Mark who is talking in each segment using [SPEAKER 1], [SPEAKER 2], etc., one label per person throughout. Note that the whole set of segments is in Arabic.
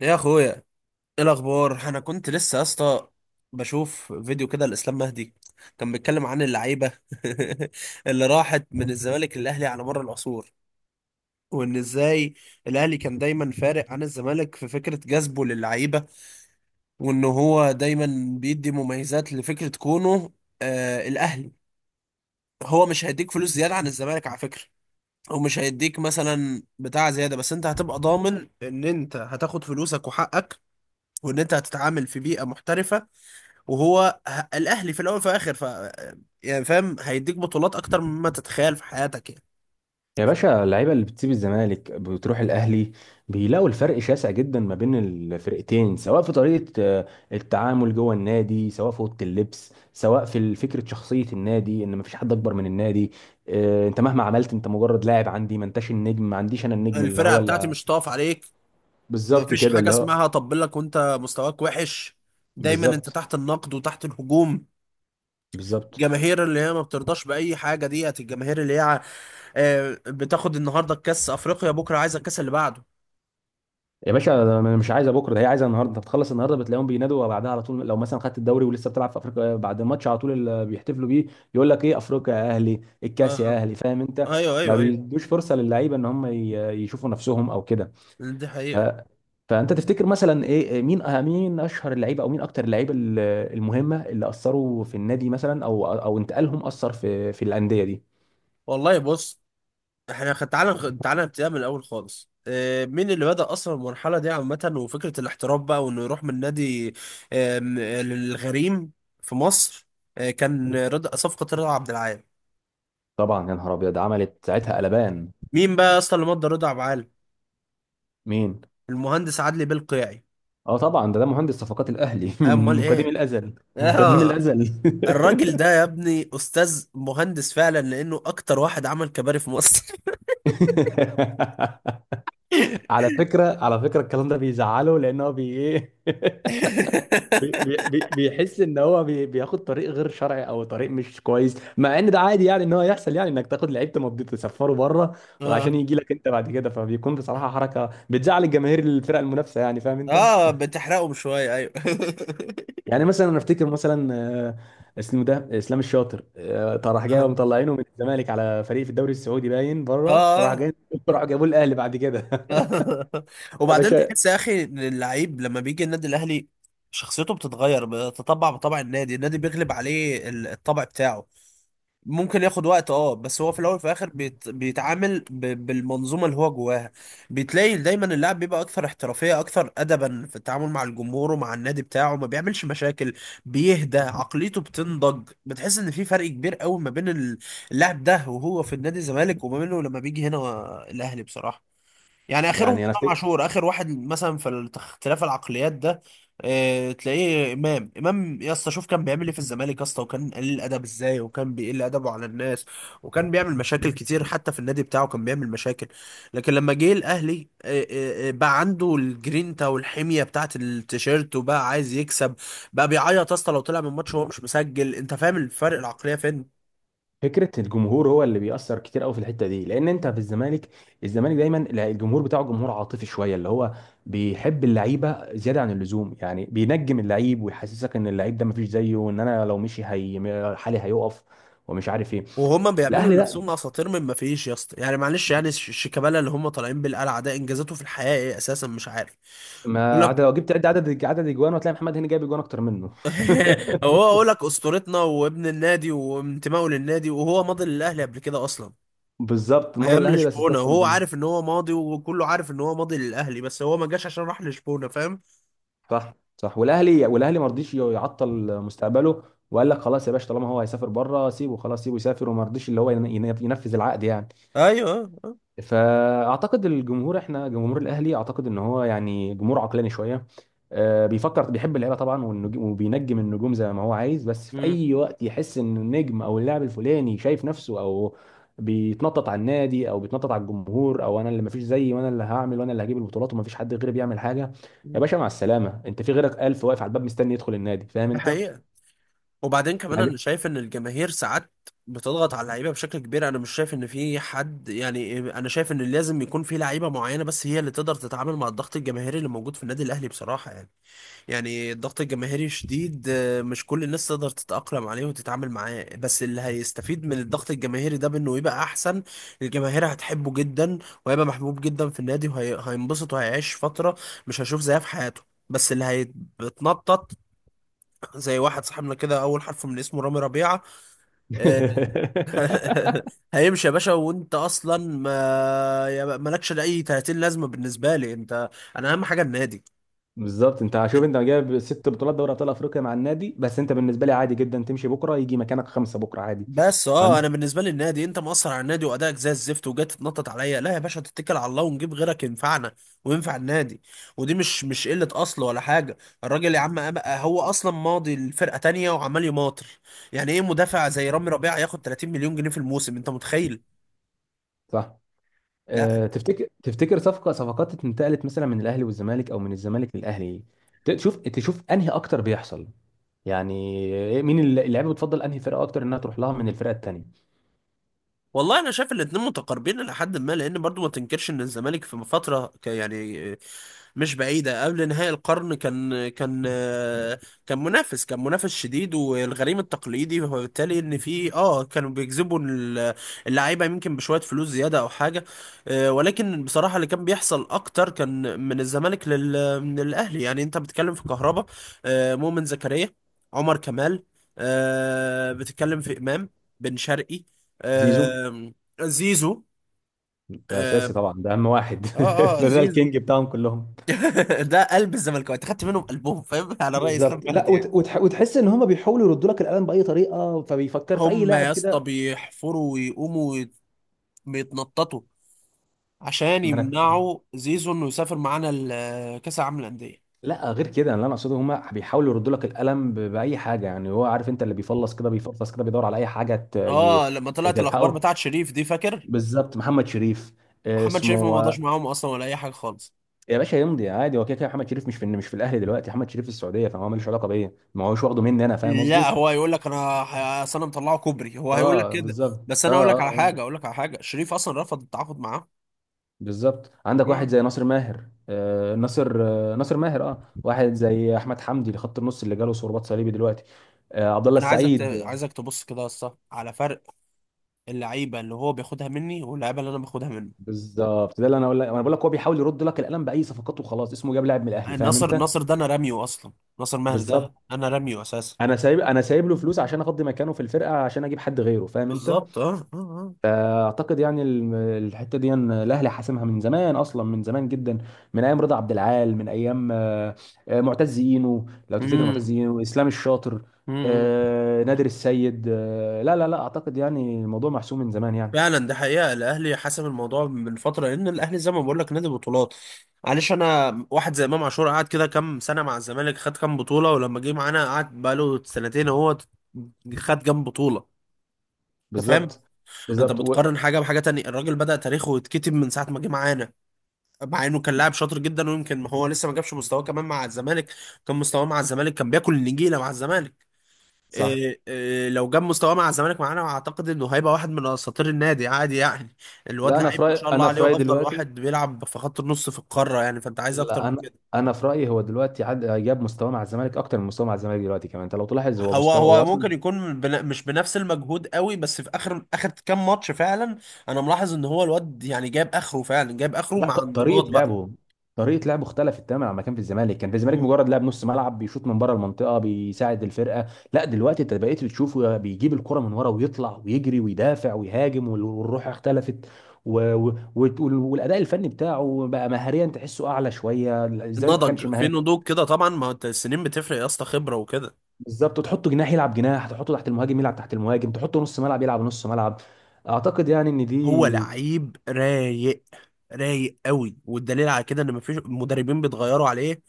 [SPEAKER 1] يا اخويا، ايه الاخبار؟ انا كنت لسه يا اسطى بشوف فيديو كده لاسلام مهدي. كان بيتكلم عن اللعيبه اللي راحت من الزمالك للاهلي على مر العصور، وان ازاي الاهلي كان دايما فارق عن الزمالك في فكره جذبه للعيبه، وان هو دايما بيدي مميزات لفكره كونه الاهلي. هو مش هيديك فلوس زياده عن الزمالك على فكره، او مش هيديك مثلا بتاع زياده، بس انت هتبقى ضامن ان انت هتاخد فلوسك وحقك، وان انت هتتعامل في بيئه محترفه، وهو الاهلي في الاول وفي الاخر. يعني فاهم، هيديك بطولات اكتر مما تتخيل في حياتك يعني.
[SPEAKER 2] يا باشا، اللعيبه اللي بتسيب الزمالك بتروح الاهلي بيلاقوا الفرق شاسع جدا ما بين الفرقتين، سواء في طريقه التعامل جوه النادي، سواء في اوضه اللبس، سواء في فكره شخصيه النادي ان مفيش حد اكبر من النادي. انت مهما عملت، انت مجرد لاعب عندي، ما انتش النجم، ما عنديش انا النجم اللي
[SPEAKER 1] الفرقه
[SPEAKER 2] هو
[SPEAKER 1] بتاعتي
[SPEAKER 2] اللي.
[SPEAKER 1] مش طاف عليك.
[SPEAKER 2] بالظبط
[SPEAKER 1] مفيش
[SPEAKER 2] كده
[SPEAKER 1] حاجه
[SPEAKER 2] اللي هو.
[SPEAKER 1] اسمها طبل لك وانت مستواك وحش، دايما انت
[SPEAKER 2] بالظبط.
[SPEAKER 1] تحت النقد وتحت الهجوم.
[SPEAKER 2] بالظبط.
[SPEAKER 1] جماهير اللي هي ما بترضاش باي حاجه، ديت الجماهير اللي هي بتاخد النهارده كاس افريقيا بكره عايزه الكاس اللي بعده.
[SPEAKER 2] يا باشا، ده انا مش عايزه بكره، ده هي عايزه النهارده. انت بتخلص النهارده بتلاقيهم بينادوا بعدها على طول. لو مثلا خدت الدوري ولسه بتلعب في افريقيا، بعد الماتش على طول اللي بيحتفلوا بيه يقول لك ايه: افريقيا يا اهلي،
[SPEAKER 1] اه
[SPEAKER 2] الكاس يا
[SPEAKER 1] اه،
[SPEAKER 2] اهلي، فاهم انت.
[SPEAKER 1] ايوه
[SPEAKER 2] ما
[SPEAKER 1] ايوه ايوه،
[SPEAKER 2] بيدوش فرصه للعيبه ان هم يشوفوا نفسهم او كده.
[SPEAKER 1] دي
[SPEAKER 2] ف-
[SPEAKER 1] حقيقه.
[SPEAKER 2] فانت تفتكر مثلا ايه، مين، اشهر اللعيبه، او مين اكتر اللعيبه المهمه اللي اثروا في النادي مثلا، او انتقالهم اثر في الانديه دي؟
[SPEAKER 1] والله بص، احنا تعالى نبتدي من الاول خالص. مين اللي بدأ اصلا المرحله دي عامه وفكره الاحتراف بقى، وانه يروح من نادي للغريم في مصر؟ كان رضا، صفقه رضا عبد العال.
[SPEAKER 2] طبعا يا نهار ابيض، عملت ساعتها قلبان.
[SPEAKER 1] مين بقى اصلا اللي مضى رضا عبد العال؟
[SPEAKER 2] مين؟
[SPEAKER 1] المهندس عدلي بالقيعي.
[SPEAKER 2] اه طبعا، ده مهندس صفقات الاهلي
[SPEAKER 1] امال
[SPEAKER 2] من قديم
[SPEAKER 1] ايه،
[SPEAKER 2] الازل. من قديم
[SPEAKER 1] اه.
[SPEAKER 2] الازل
[SPEAKER 1] الراجل ده يا ابني استاذ مهندس فعلا، لانه اكتر واحد عمل كباري في مصر.
[SPEAKER 2] على فكره، على فكره، الكلام ده بيزعله لان هو بي ايه بيحس ان هو بياخد طريق غير شرعي او طريق مش كويس، مع ان ده عادي يعني ان هو يحصل، يعني انك تاخد لعيب تمضي تسفره بره وعشان
[SPEAKER 1] اه
[SPEAKER 2] يجي لك انت بعد كده، فبيكون بصراحه حركه بتزعل الجماهير الفرق المنافسه، يعني فاهم انت.
[SPEAKER 1] اه، بتحرقهم شويه ايوه.
[SPEAKER 2] يعني مثلا انا افتكر مثلا آه، اسمه ده اسلام الشاطر. طب راح جاي
[SPEAKER 1] اه
[SPEAKER 2] ومطلعينه من الزمالك على فريق في الدوري السعودي باين بره، وراح
[SPEAKER 1] اه.
[SPEAKER 2] جاي راح جابوه الاهلي بعد كده. يا
[SPEAKER 1] وبعدين
[SPEAKER 2] باشا.
[SPEAKER 1] تحس يا اخي ان اللعيب لما بيجي النادي الاهلي شخصيته بتتغير، بتطبع بطبع النادي، النادي بيغلب عليه الطبع بتاعه. ممكن ياخد وقت اه، بس هو في الاول وفي الاخر بيتعامل بالمنظومه اللي هو جواها. بتلاقي دايما اللاعب بيبقى اكثر احترافيه، اكثر ادبا في التعامل مع الجمهور ومع النادي بتاعه، ما بيعملش مشاكل، بيهدى، عقليته بتنضج. بتحس ان في فرق كبير قوي ما بين اللاعب ده وهو في النادي الزمالك، وما بينه لما بيجي هنا الاهلي بصراحه يعني. اخرهم
[SPEAKER 2] يعني انا
[SPEAKER 1] امام
[SPEAKER 2] افتكر
[SPEAKER 1] عاشور، اخر واحد مثلا في اختلاف العقليات ده. اه تلاقيه امام يا اسطى، شوف كان بيعمل ايه في الزمالك يا اسطى، وكان قليل ادب ازاي، وكان بيقل ادبه على الناس، وكان بيعمل مشاكل كتير، حتى في النادي بتاعه كان بيعمل مشاكل. لكن لما جه الاهلي بقى عنده الجرينتا والحميه بتاعت التيشيرت، وبقى عايز يكسب، بقى بيعيط يا اسطى لو طلع من ماتش وهو مش مسجل. انت فاهم الفرق العقليه فين؟
[SPEAKER 2] فكره الجمهور هو اللي بيأثر كتير قوي في الحته دي، لان انت في الزمالك، الزمالك دايما، لا، الجمهور بتاعه جمهور عاطفي شويه، اللي هو بيحب اللعيبه زياده عن اللزوم، يعني بينجم اللعيب ويحسسك ان اللعيب ده مفيش زيه وان انا لو مشي هي حالي هيقف، ومش عارف ايه.
[SPEAKER 1] وهما بيعملوا
[SPEAKER 2] الاهلي،
[SPEAKER 1] لنفسهم اساطير من ما فيش يا اسطى، يعني معلش يعني الشيكابالا اللي هم طالعين بالقلعه ده، انجازاته في الحياه ايه اساسا؟ مش عارف. يقول
[SPEAKER 2] ما
[SPEAKER 1] لك
[SPEAKER 2] عدا لو جبت عد عدد عدد اجوان، هتلاقي محمد هاني جايب اجوان اكتر منه.
[SPEAKER 1] هو، اقول لك اسطورتنا وابن النادي وانتمائه للنادي، وهو ماضي للاهلي قبل كده اصلا
[SPEAKER 2] بالظبط، مضى
[SPEAKER 1] ايام
[SPEAKER 2] الاهلي بس
[SPEAKER 1] لشبونه،
[SPEAKER 2] الصفقه من
[SPEAKER 1] وهو
[SPEAKER 2] زمان.
[SPEAKER 1] عارف ان هو ماضي، وكله عارف ان هو ماضي للاهلي، بس هو ما جاش عشان راح لشبونه، فاهم.
[SPEAKER 2] صح، صح، والاهلي ما رضيش يعطل مستقبله، وقال لك خلاص يا باشا، طالما هو هيسافر بره سيبه، خلاص سيبه يسافر، وما رضيش اللي هو ينفذ العقد يعني.
[SPEAKER 1] ايوه
[SPEAKER 2] فاعتقد الجمهور، احنا جمهور الاهلي، اعتقد ان هو يعني جمهور عقلاني شويه، بيفكر، بيحب اللعيبه طبعا، وبينجم النجوم زي ما هو عايز، بس في
[SPEAKER 1] مم.
[SPEAKER 2] اي وقت يحس ان النجم او اللاعب الفلاني شايف نفسه، او بيتنطط على النادي، او بيتنطط على الجمهور، او انا اللي مفيش زيي وانا اللي هعمل وانا اللي هجيب البطولات ومفيش حد غيري بيعمل حاجه، يا باشا مع السلامه، انت في غيرك الف واقف على الباب مستني يدخل النادي، فاهم
[SPEAKER 1] ده
[SPEAKER 2] انت
[SPEAKER 1] حقيقه. وبعدين كمان
[SPEAKER 2] يعني.
[SPEAKER 1] انا شايف ان الجماهير ساعات بتضغط على اللعيبه بشكل كبير. انا مش شايف ان في حد، يعني انا شايف ان لازم يكون في لعيبه معينه بس هي اللي تقدر تتعامل مع الضغط الجماهيري اللي موجود في النادي الاهلي بصراحه يعني. يعني الضغط الجماهيري شديد مش كل الناس تقدر تتاقلم عليه وتتعامل معاه، بس اللي هيستفيد من الضغط الجماهيري ده بانه يبقى احسن، الجماهير هتحبه جدا، وهيبقى محبوب جدا في النادي، وهينبسط وهيعيش فتره مش هيشوف زيها في حياته. بس اللي هيتنطط زي واحد صاحبنا كده، اول حرف من اسمه رامي ربيعه. آه، هيمشي يا باشا، وانت اصلا ما مالكش لاي 30 لازمه بالنسبه لي انت، انا اهم حاجه النادي.
[SPEAKER 2] بالظبط، انت شوف، انت جايب ست بطولات دوري ابطال افريقيا مع النادي، بس انت بالنسبه لي عادي جدا تمشي بكره يجي مكانك خمسه بكره عادي.
[SPEAKER 1] بس
[SPEAKER 2] ما
[SPEAKER 1] اه،
[SPEAKER 2] عند-
[SPEAKER 1] انا بالنسبه لي النادي، انت مأثر على النادي وادائك زي الزفت وجاي تتنطط عليا؟ لا يا باشا، تتكل على الله ونجيب غيرك ينفعنا وينفع النادي. ودي مش قله اصل ولا حاجه، الراجل يا عم، هو اصلا ماضي لفرقه تانية وعمال يماطر. يعني ايه مدافع زي رامي ربيعه ياخد 30 مليون جنيه في الموسم؟ انت متخيل؟
[SPEAKER 2] صح.
[SPEAKER 1] لا.
[SPEAKER 2] اه، تفتكر تفتكر صفقات انتقلت مثلا من الاهلي والزمالك، او من الزمالك للاهلي، تشوف انهي اكتر بيحصل يعني؟ مين اللعيبه؟ بتفضل انهي فرقه اكتر، انها تروح لها من الفرقه التانيه؟
[SPEAKER 1] والله انا شايف الاتنين متقاربين الى حد ما، لان برضو ما تنكرش ان الزمالك في فتره يعني مش بعيده قبل نهاية القرن كان منافس، كان شديد والغريم التقليدي. وبالتالي ان في اه كانوا بيجذبوا اللعيبه يمكن بشويه فلوس زياده او حاجه. ولكن بصراحه اللي كان بيحصل اكتر كان من الزمالك من الاهلي. يعني انت بتتكلم في كهربا، مؤمن زكريا، عمر كمال، بتتكلم في امام، بن شرقي،
[SPEAKER 2] زيزو.
[SPEAKER 1] آم، زيزو.
[SPEAKER 2] ده اساسي
[SPEAKER 1] آم،
[SPEAKER 2] طبعا، ده اهم واحد
[SPEAKER 1] اه اه
[SPEAKER 2] ده
[SPEAKER 1] زيزو.
[SPEAKER 2] الكينج بتاعهم كلهم.
[SPEAKER 1] ده قلب الزملكاويه خدت منهم قلبهم، فاهم، على رأي اسلام
[SPEAKER 2] بالظبط. لا،
[SPEAKER 1] مهدي يعني.
[SPEAKER 2] وتحس ان هم بيحاولوا يردوا لك القلم باي طريقه، فبيفكر في اي
[SPEAKER 1] هم
[SPEAKER 2] لاعب
[SPEAKER 1] يا اسطى
[SPEAKER 2] كده.
[SPEAKER 1] بيحفروا ويقوموا بيتنططوا عشان
[SPEAKER 2] ما انا.
[SPEAKER 1] يمنعوا زيزو انه يسافر معانا كاس العالم للأندية.
[SPEAKER 2] لا، غير كده يعني، اللي انا اقصده هما بيحاولوا يردوا لك القلم باي حاجه، يعني هو عارف انت اللي بيفلص كده بيفلص كده، بيدور على اي حاجه
[SPEAKER 1] اه لما طلعت الاخبار
[SPEAKER 2] تلحقه.
[SPEAKER 1] بتاعت شريف دي، فاكر؟
[SPEAKER 2] بالظبط، محمد شريف.
[SPEAKER 1] محمد شريف ما
[SPEAKER 2] اسمه،
[SPEAKER 1] مضاش معاهم اصلا ولا اي حاجه خالص.
[SPEAKER 2] يا باشا يمضي عادي، هو كده كده محمد شريف مش في الاهلي دلوقتي، محمد شريف في السعوديه، فهو ملوش علاقه بيا، ما هوش واخده مني انا، فاهم
[SPEAKER 1] لا،
[SPEAKER 2] قصدي؟
[SPEAKER 1] هو هيقول لك انا أصل انا مطلعه كوبري، هو هيقول لك
[SPEAKER 2] اه،
[SPEAKER 1] كده.
[SPEAKER 2] بالظبط.
[SPEAKER 1] بس
[SPEAKER 2] اه،
[SPEAKER 1] انا اقول لك
[SPEAKER 2] اه،
[SPEAKER 1] على
[SPEAKER 2] اه.
[SPEAKER 1] حاجه اقول لك على حاجه شريف اصلا رفض التعاقد معاه.
[SPEAKER 2] بالظبط، عندك واحد زي ناصر ماهر، اه، واحد زي احمد حمدي اللي خط النص اللي جاله صليبي دلوقتي، عبد الله
[SPEAKER 1] انا
[SPEAKER 2] السعيد.
[SPEAKER 1] عايزك تبص كده يا اسطى على فرق اللعيبه اللي هو بياخدها مني، واللعيبه اللي انا باخدها منه.
[SPEAKER 2] بالظبط، ده اللي انا بقول لك، هو بيحاول يرد لك القلم باي صفقات وخلاص، اسمه جاب لاعب من الاهلي، فاهم
[SPEAKER 1] ناصر
[SPEAKER 2] انت.
[SPEAKER 1] ناصر ده انا راميه اصلا، ناصر ماهر
[SPEAKER 2] بالظبط،
[SPEAKER 1] ده انا راميه اساسا.
[SPEAKER 2] انا سايب له فلوس عشان افضي مكانه في الفرقه عشان اجيب حد غيره، فاهم انت.
[SPEAKER 1] بالظبط اه اه اه.
[SPEAKER 2] فاعتقد يعني الحته دي إن الاهلي حاسمها من زمان اصلا، من زمان جدا، من ايام رضا عبد العال، من ايام معتز اينو، لو تفتكر،
[SPEAKER 1] امم،
[SPEAKER 2] معتز اينو، اسلام الشاطر،
[SPEAKER 1] امم.
[SPEAKER 2] نادر السيد، لا، لا، لا، اعتقد يعني الموضوع محسوم من زمان يعني.
[SPEAKER 1] فعلا، ده حقيقه. الاهلي حسم الموضوع من فتره، لان الاهلي زي ما بقول لك نادي بطولات. معلش، انا واحد زي امام عاشور قعد كده كام سنه مع الزمالك، خد كام بطوله؟ ولما جه معانا قعد بقاله سنتين اهو، خد كام بطوله؟ انت فاهم؟
[SPEAKER 2] بالظبط.
[SPEAKER 1] انت
[SPEAKER 2] بالظبط
[SPEAKER 1] بتقارن حاجه بحاجه تانية. الراجل بدأ تاريخه يتكتب من ساعه ما جه معانا، مع انه كان لاعب شاطر جدا. ويمكن هو لسه ما جابش مستواه كمان مع الزمالك، كان مستواه مع الزمالك كان بياكل النجيله مع الزمالك.
[SPEAKER 2] صح.
[SPEAKER 1] إيه إيه، لو جاب مستواه مع الزمالك معانا، اعتقد انه هيبقى واحد من اساطير النادي عادي يعني. الواد
[SPEAKER 2] لا، انا
[SPEAKER 1] لعيب
[SPEAKER 2] في
[SPEAKER 1] ما
[SPEAKER 2] رايي،
[SPEAKER 1] شاء الله عليه، وافضل
[SPEAKER 2] دلوقتي،
[SPEAKER 1] واحد بيلعب في خط النص في القاره يعني، فانت عايز اكتر
[SPEAKER 2] لا،
[SPEAKER 1] من
[SPEAKER 2] انا
[SPEAKER 1] كده؟
[SPEAKER 2] انا في رايي هو دلوقتي جاب مستواه مع الزمالك اكتر من مستواه مع الزمالك دلوقتي، كمان انت لو تلاحظ هو
[SPEAKER 1] هو
[SPEAKER 2] مستوى هو
[SPEAKER 1] هو
[SPEAKER 2] اصلا.
[SPEAKER 1] ممكن يكون مش بنفس المجهود قوي، بس في اخر كام ماتش فعلا انا ملاحظ ان هو الواد يعني جاب اخره، فعلا جاب اخره
[SPEAKER 2] لا،
[SPEAKER 1] مع
[SPEAKER 2] طريقه
[SPEAKER 1] انضباط
[SPEAKER 2] لعبه، اختلفت تماما عما كان في الزمالك، كان في الزمالك
[SPEAKER 1] بقى،
[SPEAKER 2] مجرد لاعب نص ملعب بيشوط من بره المنطقه بيساعد الفرقه. لا، دلوقتي انت بقيت بتشوفه بيجيب الكره من ورا ويطلع ويجري ويدافع ويهاجم، والروح اختلفت، والاداء الفني بتاعه بقى مهاريا، تحسه اعلى شويه، الزمالك ما
[SPEAKER 1] نضج
[SPEAKER 2] كانش
[SPEAKER 1] في
[SPEAKER 2] مهاري.
[SPEAKER 1] نضوج كده طبعا. ما هو انت السنين بتفرق يا اسطى، خبره وكده.
[SPEAKER 2] بالظبط، تحطه جناح يلعب جناح، تحطه تحت المهاجم يلعب تحت المهاجم، تحطه نص ملعب يلعب نص ملعب، اعتقد يعني ان
[SPEAKER 1] هو
[SPEAKER 2] دي.
[SPEAKER 1] لعيب رايق، رايق قوي، والدليل على كده ان مفيش مدربين بيتغيروا عليه،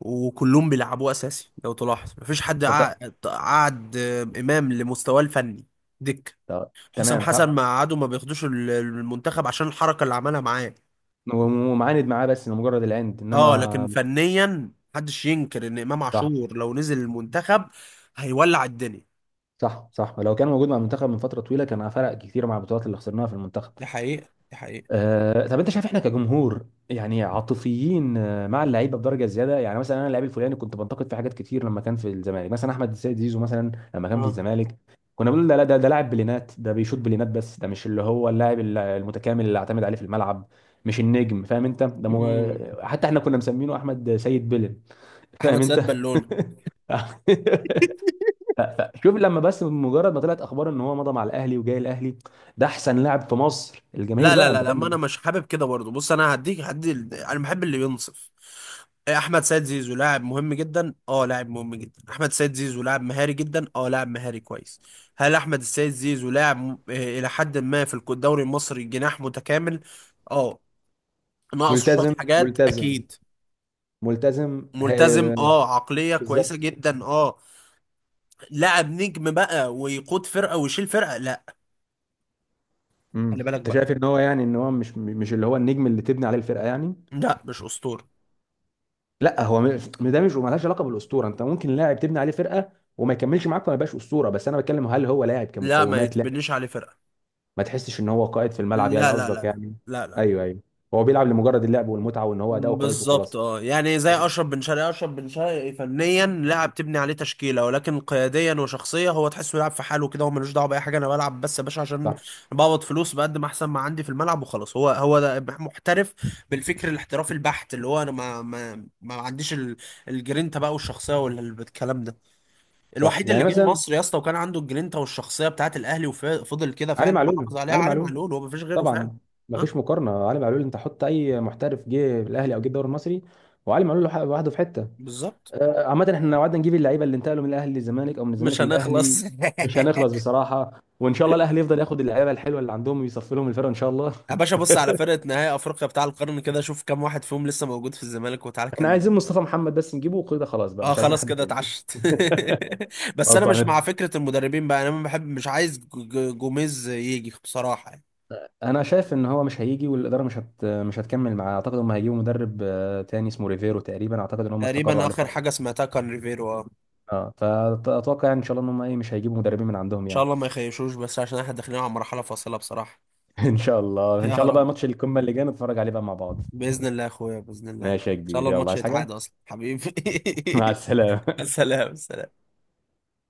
[SPEAKER 1] وكلهم بيلعبوه اساسي لو تلاحظ. مفيش حد
[SPEAKER 2] ت- ت-
[SPEAKER 1] قعد امام لمستواه الفني. دك حسام
[SPEAKER 2] تمام.
[SPEAKER 1] حسن ما قعدوا ما بياخدوش المنتخب عشان الحركه اللي عملها معاه.
[SPEAKER 2] ومعاند معاه بس لمجرد العند،
[SPEAKER 1] اه لكن
[SPEAKER 2] انما
[SPEAKER 1] فنيا محدش ينكر ان امام
[SPEAKER 2] صح.
[SPEAKER 1] عاشور لو نزل المنتخب هيولع الدنيا.
[SPEAKER 2] صح، صح، لو كان موجود مع المنتخب من فتره طويله، كان فرق كتير مع البطولات اللي خسرناها في المنتخب.
[SPEAKER 1] دي حقيقه، دي حقيقه.
[SPEAKER 2] طب انت شايف احنا كجمهور يعني عاطفيين مع اللعيبه بدرجه زياده يعني؟ مثلا انا اللعيب الفلاني كنت بنتقد فيه حاجات كتير لما كان في الزمالك، مثلا احمد السيد زيزو مثلا، لما كان في
[SPEAKER 1] اه.
[SPEAKER 2] الزمالك كنا بنقول ده، لا، ده لاعب بلينات، ده بيشوط بلينات بس، ده مش اللي هو اللاعب المتكامل اللي اعتمد عليه في الملعب، مش النجم، فاهم انت؟ ده
[SPEAKER 1] مم.
[SPEAKER 2] حتى احنا كنا مسمينه احمد سيد بلن، فاهم
[SPEAKER 1] احمد
[SPEAKER 2] انت؟
[SPEAKER 1] سيد بالونه.
[SPEAKER 2] ف- شوف، لما بس مجرد ما طلعت اخبار ان هو مضى مع الاهلي وجاي الاهلي، ده احسن لاعب في مصر الجماهير
[SPEAKER 1] لا لا
[SPEAKER 2] بقى،
[SPEAKER 1] لا
[SPEAKER 2] انت
[SPEAKER 1] لا، ما
[SPEAKER 2] فاهم.
[SPEAKER 1] انا مش حابب كده برضه. بص انا هديك، هدي، انا بحب اللي ينصف. احمد سيد زيزو لاعب مهم جدا، اه لاعب مهم جدا. احمد سيد زيزو لاعب مهاري جدا، اه لاعب مهاري كويس. هل احمد السيد زيزو لاعب الى حد ما في الدوري المصري جناح متكامل؟ اه، ناقصه شويه
[SPEAKER 2] ملتزم،
[SPEAKER 1] حاجات
[SPEAKER 2] ملتزم،
[SPEAKER 1] اكيد.
[SPEAKER 2] ملتزم.
[SPEAKER 1] ملتزم اه، عقليه كويسه
[SPEAKER 2] بالظبط.
[SPEAKER 1] جدا اه. لاعب نجم بقى ويقود فرقه ويشيل فرقه؟ لا. خلي بالك
[SPEAKER 2] انت
[SPEAKER 1] بقى،
[SPEAKER 2] شايف ان هو يعني، ان هو مش، مش اللي هو النجم اللي تبني عليه الفرقه يعني؟
[SPEAKER 1] لا مش اسطوره.
[SPEAKER 2] لا هو ده مش مالهاش علاقه بالاسطوره، انت ممكن لاعب تبني عليه فرقه وما يكملش معاك وما يبقاش اسطوره، بس انا بتكلم هل هو لاعب
[SPEAKER 1] لا، ما
[SPEAKER 2] كمقومات؟ لا.
[SPEAKER 1] يتبنيش عليه فرقه.
[SPEAKER 2] ما تحسش ان هو قائد في الملعب يعني،
[SPEAKER 1] لا لا لا
[SPEAKER 2] قصدك
[SPEAKER 1] لا،
[SPEAKER 2] يعني؟
[SPEAKER 1] لا لا.
[SPEAKER 2] ايوه، ايوه، هو بيلعب لمجرد اللعب والمتعه وان هو اداؤه كويس
[SPEAKER 1] بالظبط
[SPEAKER 2] وخلاص.
[SPEAKER 1] اه، يعني زي اشرف بن شرقي. اشرف بن شرقي فنيا لاعب تبني عليه تشكيله، ولكن قياديا وشخصيه هو تحسه يلعب في حاله كده، هو ملوش دعوه باي حاجه. انا بلعب بس يا باشا عشان
[SPEAKER 2] صح،
[SPEAKER 1] بقبض فلوس، بقدم احسن ما عندي في الملعب وخلاص، هو هو ده محترف. بالفكر الاحترافي البحت، اللي هو انا ما عنديش الجرينتا بقى، والشخصيه والكلام ده.
[SPEAKER 2] صح،
[SPEAKER 1] الوحيد اللي
[SPEAKER 2] يعني
[SPEAKER 1] جه
[SPEAKER 2] مثلا
[SPEAKER 1] مصر يا اسطى وكان عنده الجرينتا والشخصيه بتاعت الاهلي وفضل كده
[SPEAKER 2] علي
[SPEAKER 1] فعلا محافظ
[SPEAKER 2] معلول،
[SPEAKER 1] عليها،
[SPEAKER 2] علي
[SPEAKER 1] علي
[SPEAKER 2] معلول،
[SPEAKER 1] معلول. هو ما فيش غيره فعلا.
[SPEAKER 2] طبعا
[SPEAKER 1] ها.
[SPEAKER 2] مفيش مقارنه. علي معلول، انت حط اي محترف جه الاهلي او جه الدوري المصري، وعلي معلول لوحده، لوحده في حته.
[SPEAKER 1] بالظبط.
[SPEAKER 2] عامه احنا لو قعدنا نجيب اللعيبه اللي انتقلوا من الاهلي للزمالك او من
[SPEAKER 1] مش
[SPEAKER 2] الزمالك
[SPEAKER 1] هنخلص.
[SPEAKER 2] للاهلي مش هنخلص بصراحه، وان شاء الله الاهلي يفضل ياخد اللعيبه الحلوه اللي عندهم ويصفي لهم الفرقه ان شاء الله.
[SPEAKER 1] يا باشا بص على فرقة نهائي أفريقيا بتاع القرن كده، شوف كام واحد فيهم لسه موجود في الزمالك وتعالى
[SPEAKER 2] احنا
[SPEAKER 1] كلمني.
[SPEAKER 2] عايزين مصطفى محمد بس نجيبه وكده خلاص بقى،
[SPEAKER 1] اه،
[SPEAKER 2] مش عايزين
[SPEAKER 1] خلاص
[SPEAKER 2] حد
[SPEAKER 1] كده
[SPEAKER 2] تاني.
[SPEAKER 1] اتعشت. بس أنا مش مع
[SPEAKER 2] غلطان.
[SPEAKER 1] فكرة المدربين بقى. أنا ما بحب، مش عايز جوميز يجي بصراحة يعني.
[SPEAKER 2] انا شايف ان هو مش هيجي، والاداره مش مش هتكمل معاه، اعتقد هم هيجيبوا مدرب تاني اسمه ريفيرو تقريبا، اعتقد ان هم استقروا
[SPEAKER 1] تقريبا
[SPEAKER 2] عليه
[SPEAKER 1] آخر
[SPEAKER 2] خلاص.
[SPEAKER 1] حاجة سمعتها كان ريفيرو، اه إن
[SPEAKER 2] اه، فاتوقع يعني ان شاء الله ان هم ايه مش هيجيبوا مدربين من عندهم
[SPEAKER 1] شاء
[SPEAKER 2] يعني.
[SPEAKER 1] الله ما يخيشوش، بس عشان احنا داخلين على مرحلة فاصلة بصراحة.
[SPEAKER 2] ان شاء الله، ان
[SPEAKER 1] يا
[SPEAKER 2] شاء الله بقى
[SPEAKER 1] رب،
[SPEAKER 2] ماتش القمه اللي جاي نتفرج عليه بقى مع بعض.
[SPEAKER 1] بإذن الله يا أخويا، بإذن الله إن
[SPEAKER 2] ماشي يا
[SPEAKER 1] شاء
[SPEAKER 2] كبير،
[SPEAKER 1] الله
[SPEAKER 2] يلا،
[SPEAKER 1] الماتش
[SPEAKER 2] عايز
[SPEAKER 1] يتعاد
[SPEAKER 2] حاجه؟
[SPEAKER 1] أصلا حبيبي.
[SPEAKER 2] مع السلامه.
[SPEAKER 1] سلام سلام.